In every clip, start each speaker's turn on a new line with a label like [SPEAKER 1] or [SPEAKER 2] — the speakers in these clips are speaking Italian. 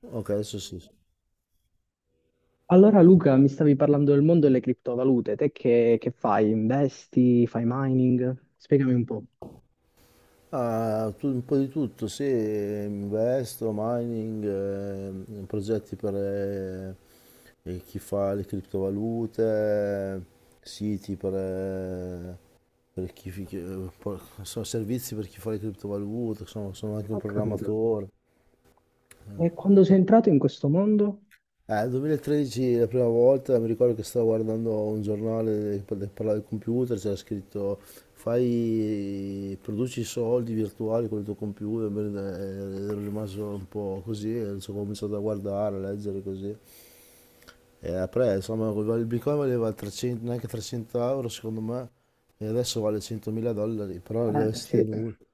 [SPEAKER 1] Ok, adesso sì. Sì.
[SPEAKER 2] Allora Luca, mi stavi parlando del mondo delle criptovalute, te che fai? Investi? Fai mining? Spiegami un po'.
[SPEAKER 1] Ah, un po' di tutto, sì, investo, mining, progetti per chi fa le criptovalute, eh, siti per chi, sono servizi per chi fa le criptovalute, sono anche un
[SPEAKER 2] Ho capito.
[SPEAKER 1] programmatore.
[SPEAKER 2] E quando sei entrato in questo mondo?
[SPEAKER 1] 2013 la prima volta mi ricordo che stavo guardando un giornale che parlava del computer, c'era scritto: fai, produci soldi virtuali con il tuo computer. Bene, ero rimasto un po' così, e ho cominciato a guardare, a leggere così. E après, insomma, il Bitcoin valeva 300, neanche 300 euro secondo me, e adesso vale 100.000 dollari, però li avessi
[SPEAKER 2] Sì.
[SPEAKER 1] tenuti,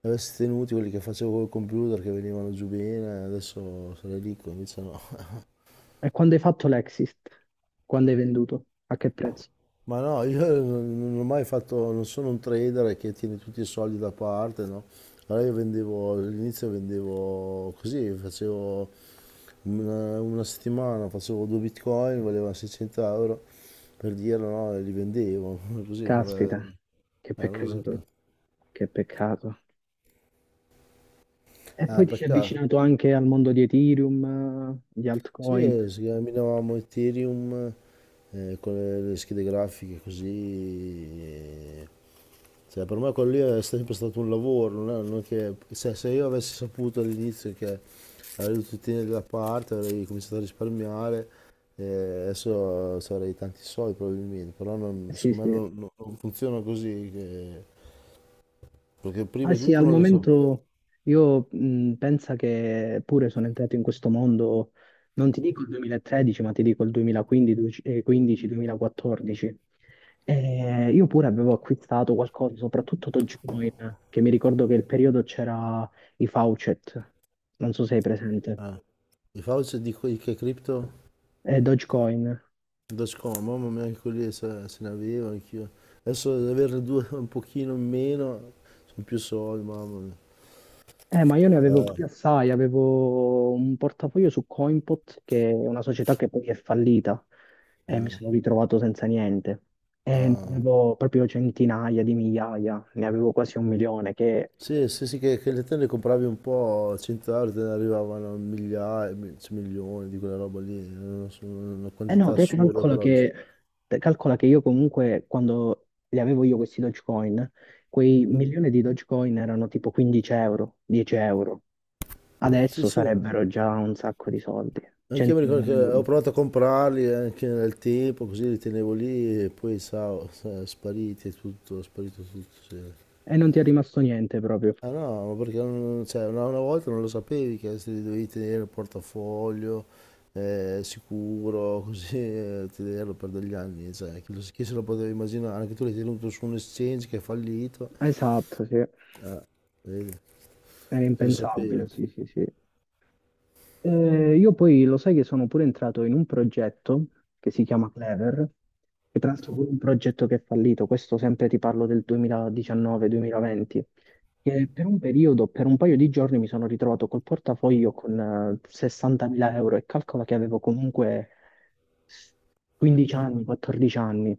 [SPEAKER 1] quelli che facevo col computer, che venivano giù bene, adesso sarei ricco, invece no.
[SPEAKER 2] E quando hai fatto l'exit? Quando hai venduto? A che prezzo?
[SPEAKER 1] Ma no, io non ho mai fatto, non sono un trader che tiene tutti i soldi da parte, no? Allora io vendevo, all'inizio vendevo così, facevo una settimana, facevo due bitcoin, valevano 600 euro, per dirlo, no? E li vendevo, così,
[SPEAKER 2] Caspita, che
[SPEAKER 1] non lo sapevo.
[SPEAKER 2] peccato, che peccato. E poi
[SPEAKER 1] Ah,
[SPEAKER 2] ti sei
[SPEAKER 1] peccato.
[SPEAKER 2] avvicinato anche al mondo di Ethereum, di altcoin.
[SPEAKER 1] Sì, si camminavamo Ethereum, con le schede grafiche così. eh. Cioè, per me quello lì è sempre stato un lavoro, non è che, cioè, se io avessi saputo all'inizio che avrei dovuto tenere da parte, avrei cominciato a risparmiare, eh, adesso avrei tanti soldi probabilmente, però non,
[SPEAKER 2] Sì,
[SPEAKER 1] secondo me
[SPEAKER 2] sì.
[SPEAKER 1] non, non funziona così, perché
[SPEAKER 2] Ah
[SPEAKER 1] prima di
[SPEAKER 2] sì,
[SPEAKER 1] tutto
[SPEAKER 2] al
[SPEAKER 1] non lo so.
[SPEAKER 2] momento io pensa che pure sono entrato in questo mondo, non ti dico il 2013, ma ti dico il 2015-2014. E io pure avevo acquistato qualcosa, soprattutto Dogecoin, che mi ricordo che il periodo c'era i Faucet, non so se hai presente,
[SPEAKER 1] Eh, i Fauci dico di che cripto?
[SPEAKER 2] e Dogecoin.
[SPEAKER 1] Da scomodo, ma anche lì se ne avevo anch'io. Adesso ad averne due un pochino in meno, sono più soldi, mamma mia.
[SPEAKER 2] Ma io ne avevo
[SPEAKER 1] Eh,
[SPEAKER 2] proprio assai, avevo un portafoglio su Coinpot, che è una società che poi è fallita, e mi sono ritrovato senza niente. E ne
[SPEAKER 1] Ah.
[SPEAKER 2] avevo proprio centinaia di migliaia, ne avevo quasi un milione, che...
[SPEAKER 1] Sì, sì, sì, che le te ne compravi un po', a 100 euro te ne arrivavano migliaia, cioè milioni di quella roba lì, non so, una
[SPEAKER 2] Eh no,
[SPEAKER 1] quantità assurda per oggi.
[SPEAKER 2] te calcola che io comunque, quando li avevo io questi Dogecoin, quei milioni di Dogecoin erano tipo 15 euro, 10 euro.
[SPEAKER 1] Sì,
[SPEAKER 2] Adesso
[SPEAKER 1] sì,
[SPEAKER 2] sarebbero già un sacco di soldi,
[SPEAKER 1] anche io mi
[SPEAKER 2] 100.000
[SPEAKER 1] ricordo che
[SPEAKER 2] euro.
[SPEAKER 1] ho provato a comprarli anche nel tempo, così li tenevo lì e poi spariti e tutto, è sparito tutto, sì.
[SPEAKER 2] E non ti è rimasto niente proprio.
[SPEAKER 1] Ah no, ma perché cioè, una volta non lo sapevi che se li dovevi tenere il portafoglio sicuro, così, tenerlo per degli anni, cioè, chi se lo poteva immaginare, anche tu l'hai tenuto su un exchange che è fallito,
[SPEAKER 2] Esatto, sì.
[SPEAKER 1] eh, vedi,
[SPEAKER 2] Era
[SPEAKER 1] chi lo sapeva.
[SPEAKER 2] impensabile, sì, sì, sì. Io poi lo sai che sono pure entrato in un progetto che si chiama Clever, che tra l'altro pure un progetto che è fallito, questo sempre ti parlo del 2019-2020, che per un periodo, per un paio di giorni mi sono ritrovato col portafoglio con 60.000 euro e calcola che avevo comunque 15 anni, 14 anni.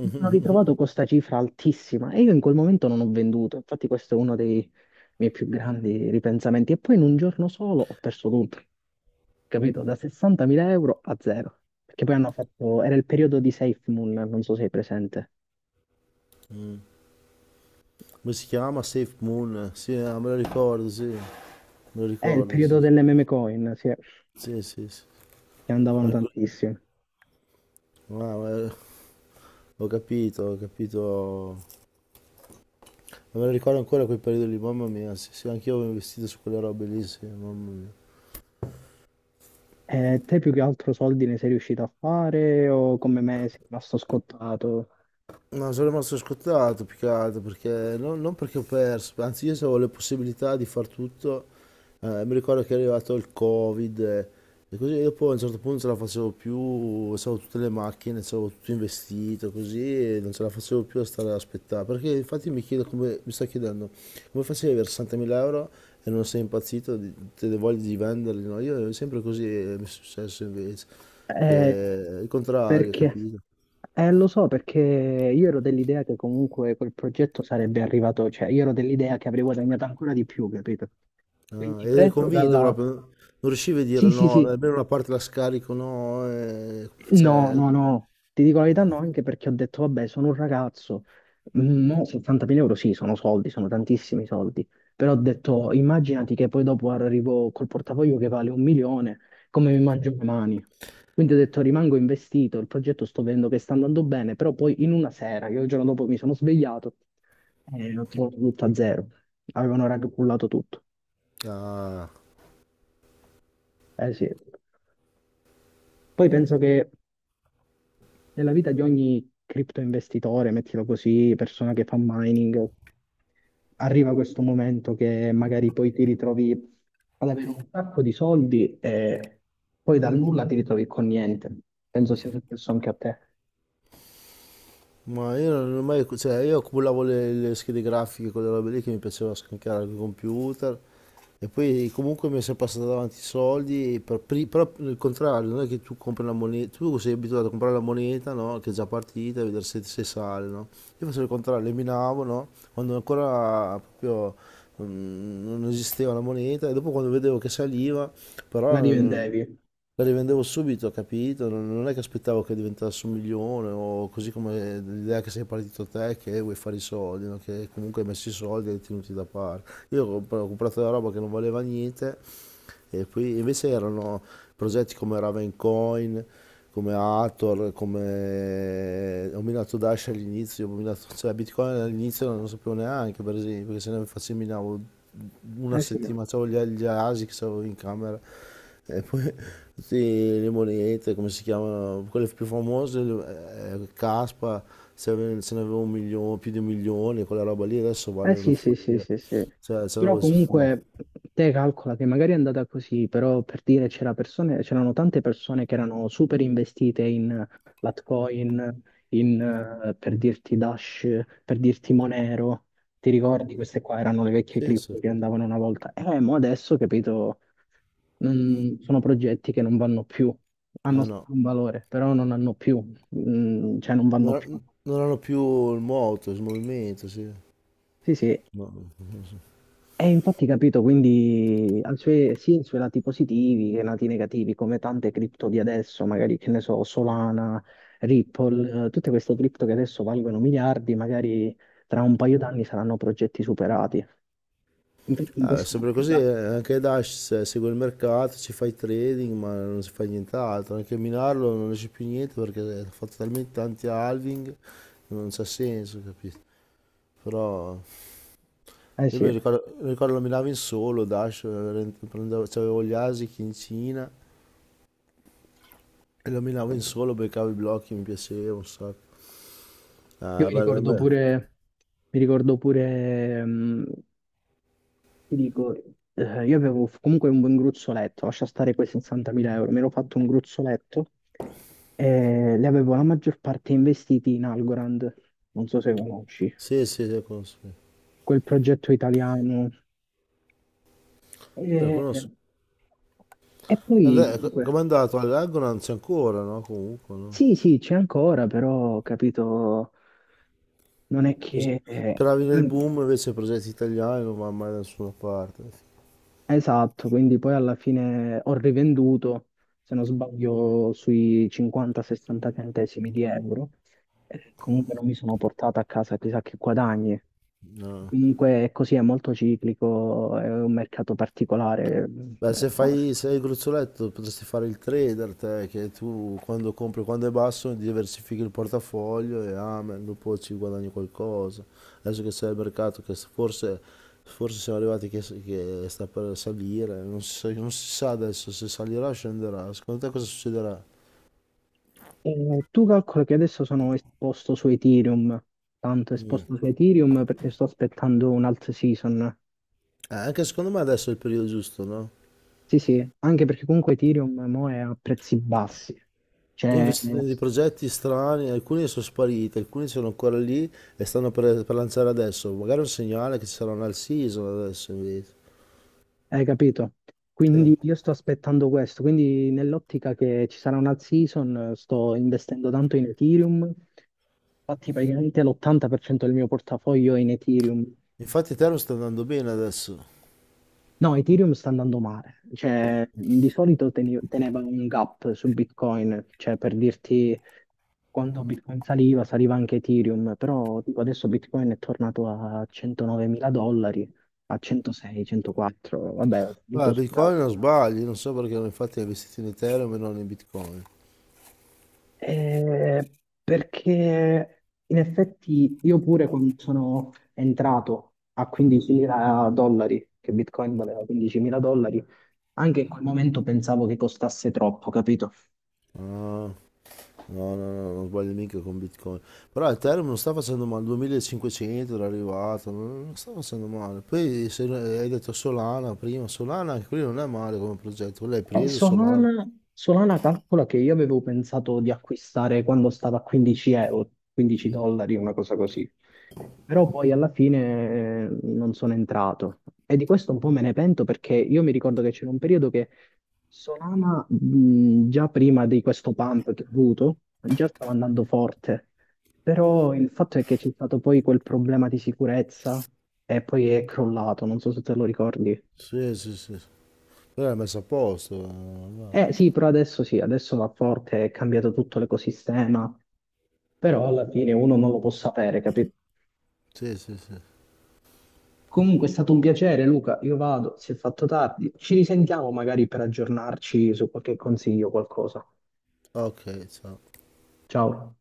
[SPEAKER 2] Mi sono ritrovato con questa cifra altissima e io in quel momento non ho venduto, infatti questo è uno dei miei più grandi ripensamenti. E poi in un giorno solo ho perso tutto, capito? Da 60.000 euro a zero. Perché poi hanno fatto, era il periodo di SafeMoon, non so se sei presente.
[SPEAKER 1] Mm. Come si chiama? Safe Moon, sì, ah, me lo ricordo, sì, me lo
[SPEAKER 2] È il
[SPEAKER 1] ricordo, sì,
[SPEAKER 2] periodo delle meme coin, sì,
[SPEAKER 1] sì, sì, sì.
[SPEAKER 2] che andavano
[SPEAKER 1] Anche-
[SPEAKER 2] tantissime.
[SPEAKER 1] ah, ma- eh, ho capito. Non me lo ricordo ancora quel periodo lì, mamma mia, sì, sì, anch'io avevo investito su quelle robe lì, sì, mamma mia.
[SPEAKER 2] E te più che altro soldi ne sei riuscito a fare o come me sei rimasto scottato?
[SPEAKER 1] No, sono rimasto scottato più che altro, perché non perché ho perso, anzi io se avevo le possibilità di far tutto. Mi ricordo che è arrivato il Covid, e così, e dopo a un certo punto non ce la facevo più, avevo tutte le macchine, avevo tutto investito così e non ce la facevo più a stare ad aspettare. Perché infatti mi chiedo come, mi sto chiedendo come facevi ad avere 60.000 euro e non sei impazzito, te le voglie di venderli, no? Io è sempre così, mi è successo invece,
[SPEAKER 2] Eh,
[SPEAKER 1] che è il contrario,
[SPEAKER 2] perché?
[SPEAKER 1] capito?
[SPEAKER 2] Lo so perché io ero dell'idea che comunque quel progetto sarebbe arrivato, cioè io ero dell'idea che avrei guadagnato ancora di più, capito?
[SPEAKER 1] Ah,
[SPEAKER 2] Quindi
[SPEAKER 1] ed eri
[SPEAKER 2] preso
[SPEAKER 1] convinto
[SPEAKER 2] dalla...
[SPEAKER 1] proprio, non riuscivi a dire
[SPEAKER 2] Sì, sì,
[SPEAKER 1] no,
[SPEAKER 2] sì,
[SPEAKER 1] almeno una parte la scarico, no,
[SPEAKER 2] no, no, no, ti dico la verità, no, anche perché ho detto, vabbè, sono un ragazzo, Mm, no, 70.000 euro sì, sono soldi, sono tantissimi soldi, però ho detto, immaginati che poi dopo arrivo col portafoglio che vale un milione, come mi mangio le mani? Quindi ho detto, rimango investito, il progetto sto vedendo che sta andando bene, però poi in una sera, io il giorno dopo mi sono svegliato e ho trovato tutto a zero, avevano raggruppato tutto,
[SPEAKER 1] Ah.
[SPEAKER 2] eh sì. Poi penso che nella vita di ogni cripto investitore, mettilo così, persona che fa mining, arriva questo momento che magari poi ti ritrovi ad avere un sacco di soldi e poi dal nulla ti ritrovi con niente. Penso sia successo anche a te.
[SPEAKER 1] Ma io non ho mai, cioè io accumulavo le schede grafiche, quelle robe lì che mi piaceva scaricare al computer, e poi comunque mi è sempre passato davanti i soldi, e però il contrario, non è che tu compri la moneta, tu sei abituato a comprare la moneta, no? Che è già partita e vedere se sale, no? Io facevo il contrario, le minavo, no? Quando ancora proprio non esisteva la moneta, e dopo quando vedevo che saliva,
[SPEAKER 2] La
[SPEAKER 1] però,
[SPEAKER 2] rivendevi.
[SPEAKER 1] la rivendevo subito, capito? Non è che aspettavo che diventasse un milione o così, come l'idea che sei partito te, che vuoi fare i soldi, no? Che comunque hai messo i soldi e li hai tenuti da parte. Io ho comprato la roba che non valeva niente, e poi invece erano progetti come Ravencoin, come Hathor, come ho minato Dash all'inizio, cioè Bitcoin all'inizio non lo sapevo neanche, per esempio, perché se ne facevo minavo una
[SPEAKER 2] Eh sì.
[SPEAKER 1] settimana, c'avevo gli ASIC, c'avevo in camera. E poi tutte le monete, come si chiama, quelle più famose, Caspa, se ne avevo un milione, più di un milione, quella roba lì adesso
[SPEAKER 2] Eh
[SPEAKER 1] vale una
[SPEAKER 2] sì, sì, sì,
[SPEAKER 1] follia.
[SPEAKER 2] sì, sì.
[SPEAKER 1] Cioè, se
[SPEAKER 2] Però
[SPEAKER 1] avevo- ma,
[SPEAKER 2] comunque te calcola che magari è andata così, però per dire c'era persone, c'erano tante persone che erano super investite in Litecoin, in, per dirti Dash, per dirti Monero. Ti ricordi? Queste qua erano le vecchie
[SPEAKER 1] sì, sì.
[SPEAKER 2] cripto che andavano una volta. Mo adesso, capito, non- sono progetti che non vanno più. Hanno
[SPEAKER 1] Ah no,
[SPEAKER 2] sempre un valore, però non hanno più, cioè non vanno più.
[SPEAKER 1] non hanno più il moto, il movimento, sì.
[SPEAKER 2] Sì, sì,
[SPEAKER 1] No, non so.
[SPEAKER 2] e infatti capito, quindi ha i suoi- sia i suoi lati positivi che i lati negativi, come tante cripto di adesso, magari che ne so, Solana, Ripple, tutte queste cripto che adesso valgono miliardi, magari tra un paio d'anni saranno progetti superati. Infatti in
[SPEAKER 1] Ah, è sempre così,
[SPEAKER 2] quest'ottica
[SPEAKER 1] anche Dash, segue il mercato, ci fa i trading, ma non si fa nient'altro, anche a minarlo non esce più niente perché ha fatto talmente tanti halving, non c'ha senso, capito? Però
[SPEAKER 2] eh
[SPEAKER 1] Io
[SPEAKER 2] sì,
[SPEAKER 1] mi
[SPEAKER 2] io
[SPEAKER 1] ricordo, mi ricordo lo minavo in solo, Dash, prendevo, c'avevo gli Asics in Cina e lo minavo in solo, beccavo i blocchi, mi piaceva un sacco.
[SPEAKER 2] mi
[SPEAKER 1] Ah, bello,
[SPEAKER 2] ricordo
[SPEAKER 1] bello.
[SPEAKER 2] pure, mi ricordo pure, ti dico, io avevo f- comunque un buon gruzzoletto, lascia stare quei 60.000 euro, mi ero fatto un gruzzoletto e li avevo la maggior parte investiti in Algorand, non so se conosci,
[SPEAKER 1] Sì, sì, sì, lo conosco.
[SPEAKER 2] quel progetto italiano.
[SPEAKER 1] Sì, lo conosco.
[SPEAKER 2] E, e poi
[SPEAKER 1] Adè,
[SPEAKER 2] comunque,
[SPEAKER 1] com'è andato? All'Agro non c'è ancora, no? Comunque, no?
[SPEAKER 2] sì, sì, c'è ancora, però capito, non è che
[SPEAKER 1] Speravi nel boom, invece progetti italiani non vanno mai da nessuna parte.
[SPEAKER 2] esatto, quindi poi alla fine ho rivenduto, se non sbaglio, sui 50-60 centesimi di euro. E comunque non mi sono portato a casa chissà che guadagni.
[SPEAKER 1] No.
[SPEAKER 2] Comunque è così, è molto ciclico, è un mercato particolare.
[SPEAKER 1] Beh,
[SPEAKER 2] Riconosciuto.
[SPEAKER 1] se hai il gruzzoletto potresti fare il trader, te, che tu quando compri quando è basso diversifichi il portafoglio e amen, dopo ci guadagni qualcosa. Adesso che sei al mercato, che forse siamo arrivati che sta per salire, non si sa adesso se salirà o scenderà. Secondo te cosa succederà?
[SPEAKER 2] E tu calcoli che adesso sono esposto su Ethereum, tanto esposto
[SPEAKER 1] Mm.
[SPEAKER 2] su Ethereum perché sto aspettando un alt season.
[SPEAKER 1] Anche secondo me adesso è il periodo giusto, no?
[SPEAKER 2] Sì, sì, anche perché comunque Ethereum mo è a prezzi bassi.
[SPEAKER 1] Io ho
[SPEAKER 2] Cioè,
[SPEAKER 1] investito in dei progetti strani, alcuni sono spariti, alcuni sono ancora lì e stanno per lanciare adesso. Magari è un segnale che ci sarà un all season adesso invece.
[SPEAKER 2] hai capito?
[SPEAKER 1] Sì.
[SPEAKER 2] Quindi io sto aspettando questo, quindi nell'ottica che ci sarà una season sto investendo tanto in Ethereum, infatti praticamente l'80% del mio portafoglio è in Ethereum.
[SPEAKER 1] Infatti Ethereum sta andando bene adesso.
[SPEAKER 2] No, Ethereum sta andando male, cioè di solito teni- teneva un gap su Bitcoin, cioè per dirti quando Bitcoin saliva, saliva anche Ethereum, però tipo, adesso Bitcoin è tornato a 109 mila dollari, a 106, 104, vabbè,
[SPEAKER 1] Ah, Bitcoin non sbagli, non so perché infatti ho investito in Ethereum e non in Bitcoin.
[SPEAKER 2] Eh, perché in effetti io pure quando sono entrato a 15.000 dollari, che Bitcoin valeva 15.000 dollari, anche in quel momento pensavo che costasse troppo, capito?
[SPEAKER 1] Ah, no, no, no, non sbaglio mica con Bitcoin. Però Ethereum non sta facendo male, 2500 era arrivato, non sta facendo male. Poi se hai detto Solana prima, Solana anche quello non è male come progetto, quello l'hai preso Solana.
[SPEAKER 2] Solana, Solana calcola che io avevo pensato di acquistare quando stava a 15 euro, 15 dollari, una cosa così. Però poi alla fine non sono entrato. E di questo un po' me ne pento perché io mi ricordo che c'era un periodo che Solana, già prima di questo pump che ho avuto, già stava andando forte. Però il fatto è che c'è stato poi quel problema di sicurezza e poi è crollato, non so se te lo ricordi.
[SPEAKER 1] Sì, sì, sì. Sì. Tu l'hai messo a posto. Va.
[SPEAKER 2] Eh sì, però adesso sì, adesso va forte, è cambiato tutto l'ecosistema, però alla fine uno non lo può sapere, capito?
[SPEAKER 1] Sì, sì, sì.
[SPEAKER 2] Comunque è stato un piacere, Luca, io vado, si è fatto tardi, ci risentiamo magari per aggiornarci su qualche consiglio o qualcosa.
[SPEAKER 1] Ok, ciao.
[SPEAKER 2] Ciao.